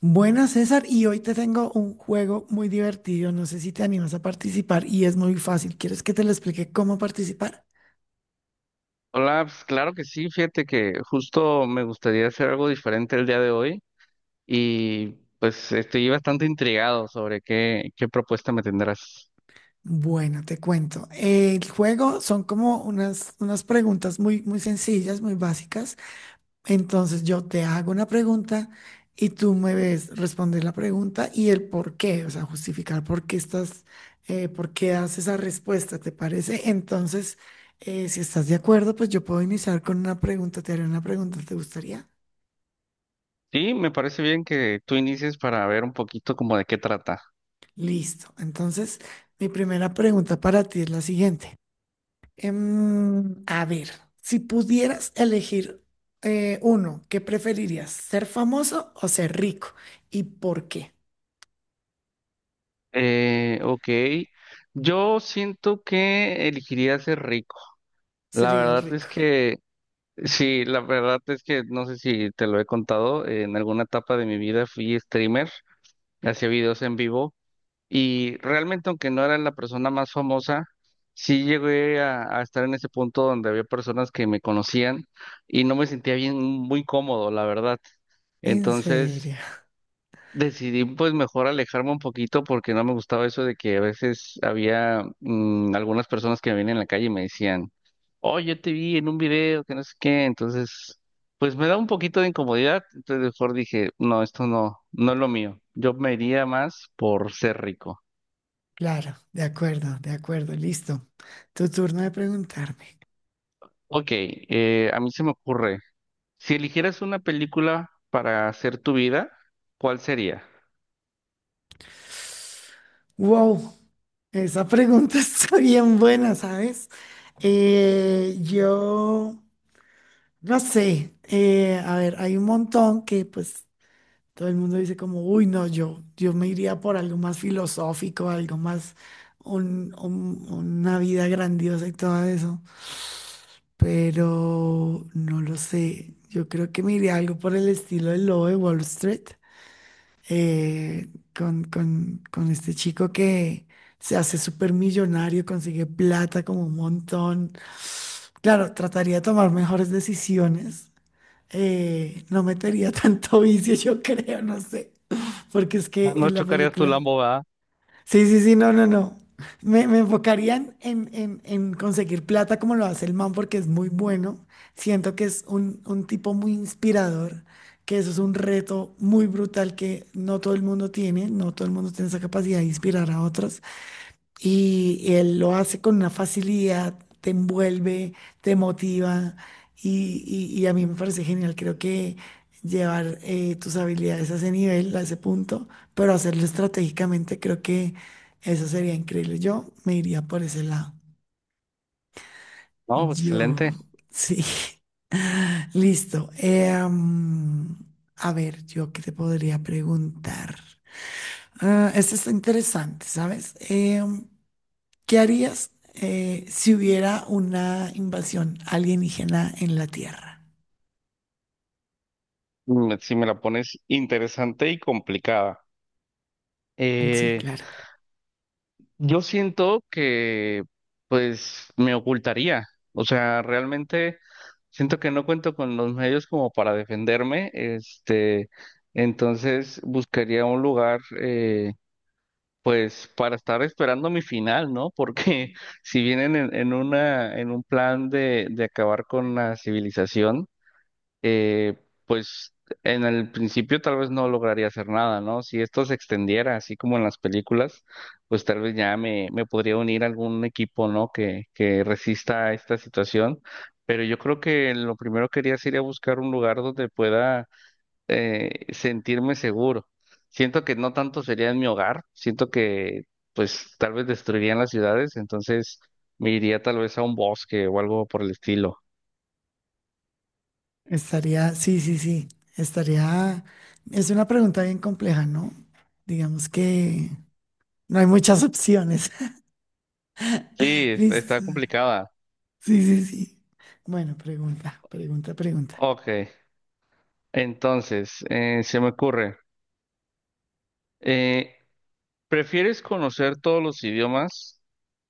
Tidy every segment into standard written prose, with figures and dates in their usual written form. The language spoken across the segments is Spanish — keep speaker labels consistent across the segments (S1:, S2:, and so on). S1: Buenas, César, y hoy te tengo un juego muy divertido. No sé si te animas a participar y es muy fácil. ¿Quieres que te lo explique cómo participar?
S2: Hola, pues claro que sí, fíjate que justo me gustaría hacer algo diferente el día de hoy y pues estoy bastante intrigado sobre qué propuesta me tendrás.
S1: Bueno, te cuento. El juego son como unas preguntas muy, muy sencillas, muy básicas. Entonces yo te hago una pregunta y tú me ves responder la pregunta y el por qué, o sea, justificar por qué estás, por qué das esa respuesta, ¿te parece? Entonces, si estás de acuerdo, pues yo puedo iniciar con una pregunta. Te haré una pregunta, ¿te gustaría?
S2: Sí, me parece bien que tú inicies para ver un poquito como de qué trata.
S1: Listo. Entonces, mi primera pregunta para ti es la siguiente. A ver, si pudieras elegir uno, ¿qué preferirías? ¿Ser famoso o ser rico? ¿Y por qué
S2: Ok, yo siento que elegiría ser rico. La
S1: serías
S2: verdad
S1: rico?
S2: es que, sí, la verdad es que no sé si te lo he contado, en alguna etapa de mi vida fui streamer, hacía videos en vivo. Y realmente, aunque no era la persona más famosa, sí llegué a estar en ese punto donde había personas que me conocían y no me sentía bien, muy cómodo, la verdad.
S1: En
S2: Entonces
S1: serio.
S2: decidí pues mejor alejarme un poquito porque no me gustaba eso de que a veces había algunas personas que me venían en la calle y me decían, oh yo te vi en un video, que no sé qué. Entonces, pues me da un poquito de incomodidad. Entonces mejor dije, no, esto no, no es lo mío. Yo me iría más por ser rico.
S1: Claro, de acuerdo, de acuerdo. Listo. Tu turno de preguntarme.
S2: Ok, a mí se me ocurre, si eligieras una película para hacer tu vida, ¿cuál sería?
S1: Wow, esa pregunta está bien buena, ¿sabes? Yo no sé, a ver, hay un montón que pues todo el mundo dice como, uy, no, yo me iría por algo más filosófico, algo más, una vida grandiosa y todo eso. Pero no lo sé. Yo creo que me iría algo por el estilo del lobo de Wall Street, eh, con, con este chico que se hace súper millonario, consigue plata como un montón. Claro, trataría de tomar mejores decisiones, no metería tanto vicio, yo creo, no sé, porque es que
S2: No
S1: en la
S2: chocarías tu
S1: película...
S2: Lambo, ¿verdad?
S1: Sí, sí, sí, no, no, no. Me enfocarían en, en conseguir plata como lo hace el man porque es muy bueno. Siento que es un tipo muy inspirador, que eso es un reto muy brutal que no todo el mundo tiene, no todo el mundo tiene esa capacidad de inspirar a otros. Y él lo hace con una facilidad, te envuelve, te motiva y a mí me parece genial. Creo que llevar, tus habilidades a ese nivel, a ese punto, pero hacerlo estratégicamente, creo que eso sería increíble. Yo me iría por ese lado.
S2: No,
S1: Yo,
S2: excelente.
S1: sí. Listo. A ver, yo qué te podría preguntar. Ah, esto está interesante, ¿sabes? ¿Qué harías, si hubiera una invasión alienígena en la Tierra?
S2: Mm, si me la pones interesante y complicada.
S1: Sí,
S2: Eh,
S1: claro.
S2: yo siento que, pues, me ocultaría. O sea, realmente siento que no cuento con los medios como para defenderme. Este, entonces buscaría un lugar, pues para estar esperando mi final, ¿no? Porque si vienen en una, en un plan de acabar con la civilización, eh, pues en el principio tal vez no lograría hacer nada, ¿no? Si esto se extendiera así como en las películas, pues tal vez ya me podría unir a algún equipo, ¿no? Que resista a esta situación. Pero yo creo que lo primero que haría sería buscar un lugar donde pueda, sentirme seguro. Siento que no tanto sería en mi hogar, siento que pues tal vez destruirían las ciudades, entonces me iría tal vez a un bosque o algo por el estilo.
S1: Estaría, sí, sí, sí. Estaría, es una pregunta bien compleja, ¿no? Digamos que no hay muchas opciones.
S2: Sí, está
S1: Listo.
S2: complicada.
S1: Sí, sí, sí. Bueno, pregunta, pregunta, pregunta.
S2: Ok, entonces, se me ocurre, eh, ¿prefieres conocer todos los idiomas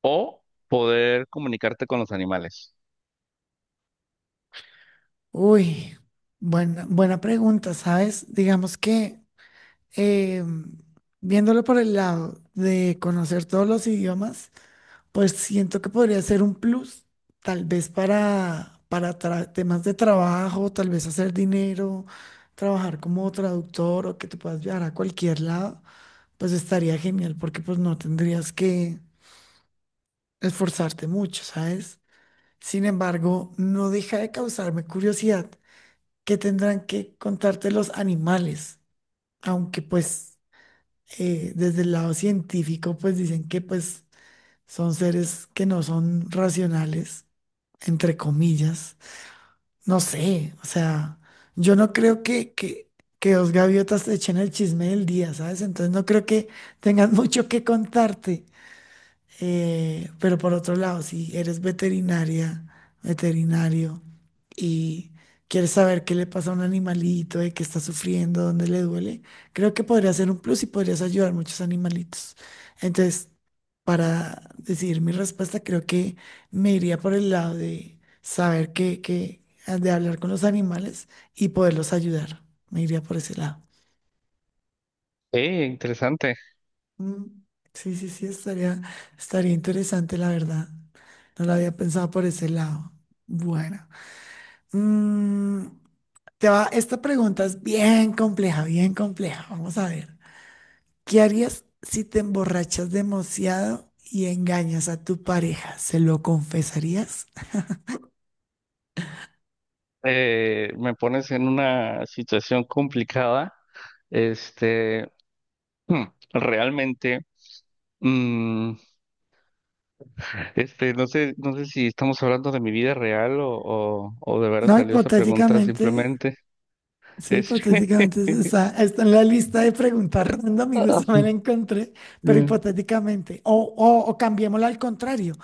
S2: o poder comunicarte con los animales?
S1: Uy, buena, buena pregunta, ¿sabes? Digamos que, eh, viéndolo por el lado de conocer todos los idiomas, pues siento que podría ser un plus, tal vez para, temas de trabajo, tal vez hacer dinero, trabajar como traductor o que te puedas viajar a cualquier lado, pues estaría genial porque pues no tendrías que esforzarte mucho, ¿sabes? Sin embargo, no deja de causarme curiosidad que tendrán que contarte los animales, aunque pues, desde el lado científico pues dicen que pues son seres que no son racionales, entre comillas. No sé, o sea, yo no creo que, que dos gaviotas te echen el chisme del día, ¿sabes? Entonces no creo que tengan mucho que contarte. Pero por otro lado, si eres veterinaria, veterinario, y quieres saber qué le pasa a un animalito, de qué está sufriendo, dónde le duele, creo que podría ser un plus y podrías ayudar a muchos animalitos. Entonces, para decidir mi respuesta, creo que me iría por el lado de saber qué, qué, de hablar con los animales y poderlos ayudar. Me iría por ese lado.
S2: Sí, interesante.
S1: Mm, sí, sí, sí, estaría, estaría interesante, la verdad. No lo había pensado por ese lado. Bueno, mm, te va, esta pregunta es bien compleja, bien compleja. Vamos a ver. ¿Qué harías si te emborrachas demasiado y engañas a tu pareja? ¿Se lo confesarías?
S2: Me pones en una situación complicada. Este, Hmm, realmente, mm, este, no sé, no sé si estamos hablando de mi vida real o de veras
S1: No,
S2: salió esa pregunta
S1: hipotéticamente,
S2: simplemente.
S1: sí,
S2: Este,
S1: hipotéticamente está, está en la lista de preguntas random y
S2: ah,
S1: justo me la encontré, pero
S2: Mm,
S1: hipotéticamente. O cambiémosla al contrario.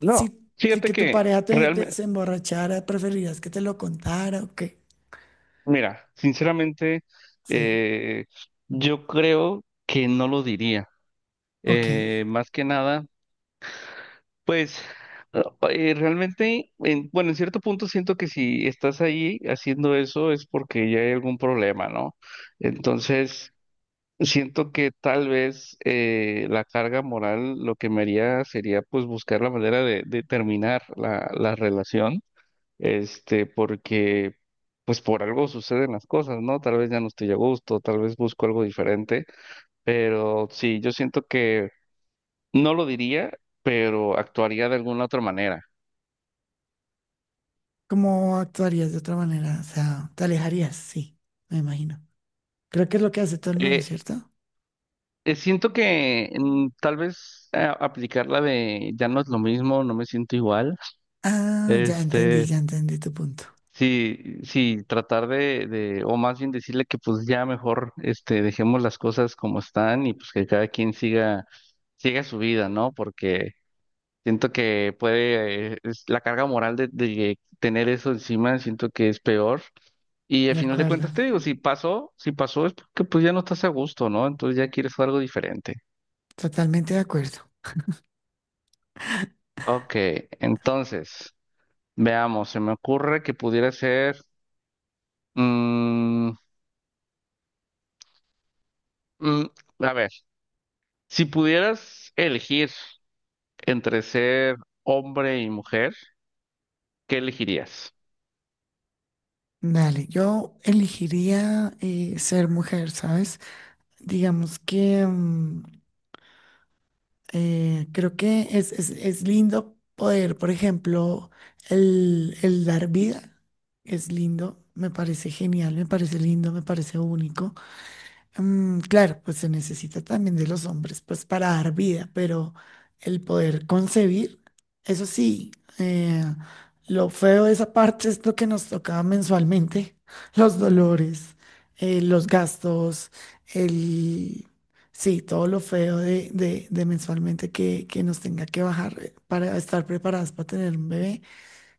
S2: no,
S1: Si, si
S2: fíjate
S1: que tu
S2: que
S1: pareja te,
S2: realmente,
S1: se emborrachara, ¿preferirías que te lo contara o qué?
S2: mira, sinceramente,
S1: Sí,
S2: eh, yo creo que no lo diría.
S1: ok.
S2: Más que nada, pues ah, realmente, bueno, en cierto punto siento que si estás ahí haciendo eso es porque ya hay algún problema, ¿no? Entonces, siento que tal vez, la carga moral lo que me haría sería pues buscar la manera de terminar la relación, este, porque pues por algo suceden las cosas, ¿no? Tal vez ya no estoy a gusto, tal vez busco algo diferente, pero sí, yo siento que no lo diría, pero actuaría de alguna otra manera.
S1: ¿Cómo actuarías de otra manera? O sea, te alejarías, sí, me imagino. Creo que es lo que hace todo el mundo,
S2: Eh,
S1: ¿cierto?
S2: Siento que tal vez, aplicar la de ya no es lo mismo, no me siento igual.
S1: Ah,
S2: Este,
S1: ya entendí tu punto.
S2: sí, sí, tratar de, o más bien decirle que pues ya mejor, este, dejemos las cosas como están y pues que cada quien siga, siga su vida, ¿no? Porque siento que puede, la carga moral de tener eso encima, siento que es peor. Y al
S1: De
S2: final de
S1: acuerdo,
S2: cuentas te digo, si pasó, si pasó es porque pues ya no estás a gusto, ¿no? Entonces ya quieres algo diferente.
S1: totalmente de acuerdo.
S2: Ok, entonces, veamos, se me ocurre que pudiera ser, mm, mm, a ver. Si pudieras elegir entre ser hombre y mujer, ¿qué elegirías?
S1: Dale, yo elegiría, ser mujer, ¿sabes? Digamos que, creo que es, es lindo poder, por ejemplo, el dar vida, es lindo, me parece genial, me parece lindo, me parece único. Mm, claro, pues se necesita también de los hombres, pues para dar vida, pero el poder concebir, eso sí, eh, lo feo de esa parte es lo que nos tocaba mensualmente, los dolores, los gastos, el... Sí, todo lo feo de, de mensualmente que nos tenga que bajar, para estar preparadas para tener un bebé,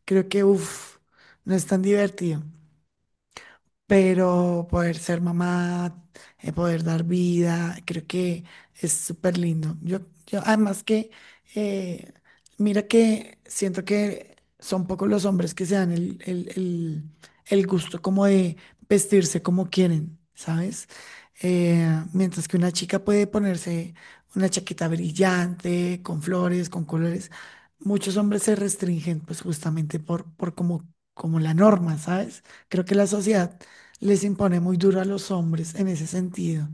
S1: creo que, uff, no es tan divertido, pero poder ser mamá, poder dar vida, creo que es súper lindo. Yo, además que, eh, mira que siento que son pocos los hombres que se dan el, el gusto como de vestirse como quieren, ¿sabes? Eh, mientras que una chica puede ponerse una chaqueta brillante, con flores, con colores, muchos hombres se restringen pues justamente por como, como la norma, ¿sabes? Creo que la sociedad les impone muy duro a los hombres en ese sentido.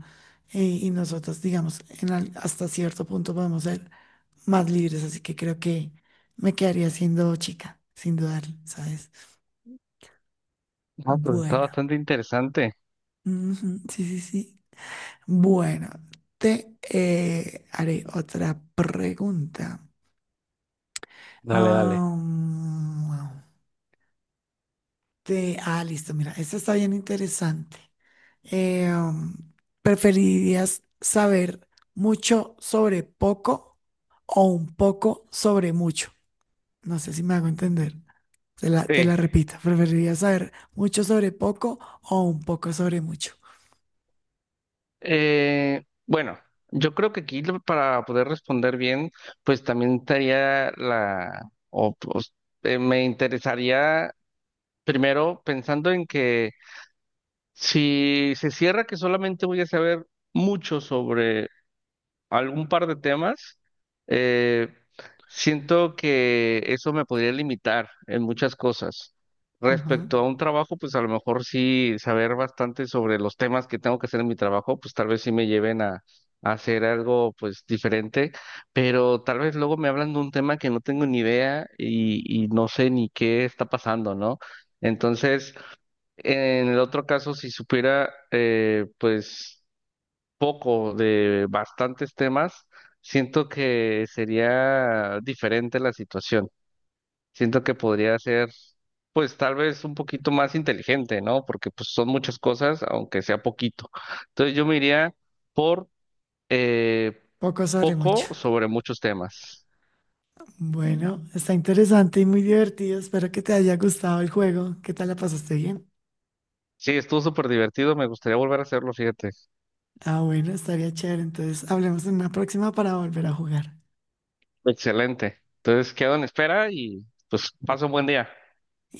S1: Y nosotras, digamos, en hasta cierto punto podemos ser más libres, así que creo que me quedaría siendo chica, sin dudar, ¿sabes?
S2: Ah, pues está
S1: Bueno,
S2: bastante interesante.
S1: ujú, sí, sí, sí. Bueno, te haré otra pregunta.
S2: Dale, dale.
S1: Ah, mm, listo, mira, esto está bien interesante. Eh, um, ¿Preferirías saber mucho sobre poco o un poco sobre mucho? No sé si me hago entender. Te
S2: Sí.
S1: la repito. ¿Preferirías saber mucho sobre poco o un poco sobre mucho?
S2: Bueno, yo creo que aquí para poder responder bien, pues también estaría la, o pues, me interesaría primero pensando en que si se cierra que solamente voy a saber mucho sobre algún par de temas, eh, siento que eso me podría limitar en muchas cosas.
S1: Ajá.
S2: Respecto a un trabajo, pues a lo mejor sí saber bastante sobre los temas que tengo que hacer en mi trabajo, pues tal vez sí me lleven a hacer algo pues diferente, pero tal vez luego me hablan de un tema que no tengo ni idea y no sé ni qué está pasando, ¿no? Entonces, en el otro caso, si supiera, pues poco de bastantes temas, siento que sería diferente la situación. Siento que podría ser, pues tal vez un poquito más inteligente, ¿no? Porque pues son muchas cosas, aunque sea poquito. Entonces yo me iría por, eh,
S1: Poco sobre mucho.
S2: poco sobre muchos temas.
S1: Bueno, está interesante y muy divertido. Espero que te haya gustado el juego. ¿Qué tal la pasaste bien?
S2: Sí, estuvo súper divertido, me gustaría volver a hacerlo, fíjate.
S1: Ah, bueno, estaría chévere. Entonces, hablemos en una próxima para volver a jugar.
S2: Excelente. Entonces quedo en espera y pues paso un buen día.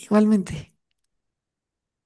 S1: Igualmente.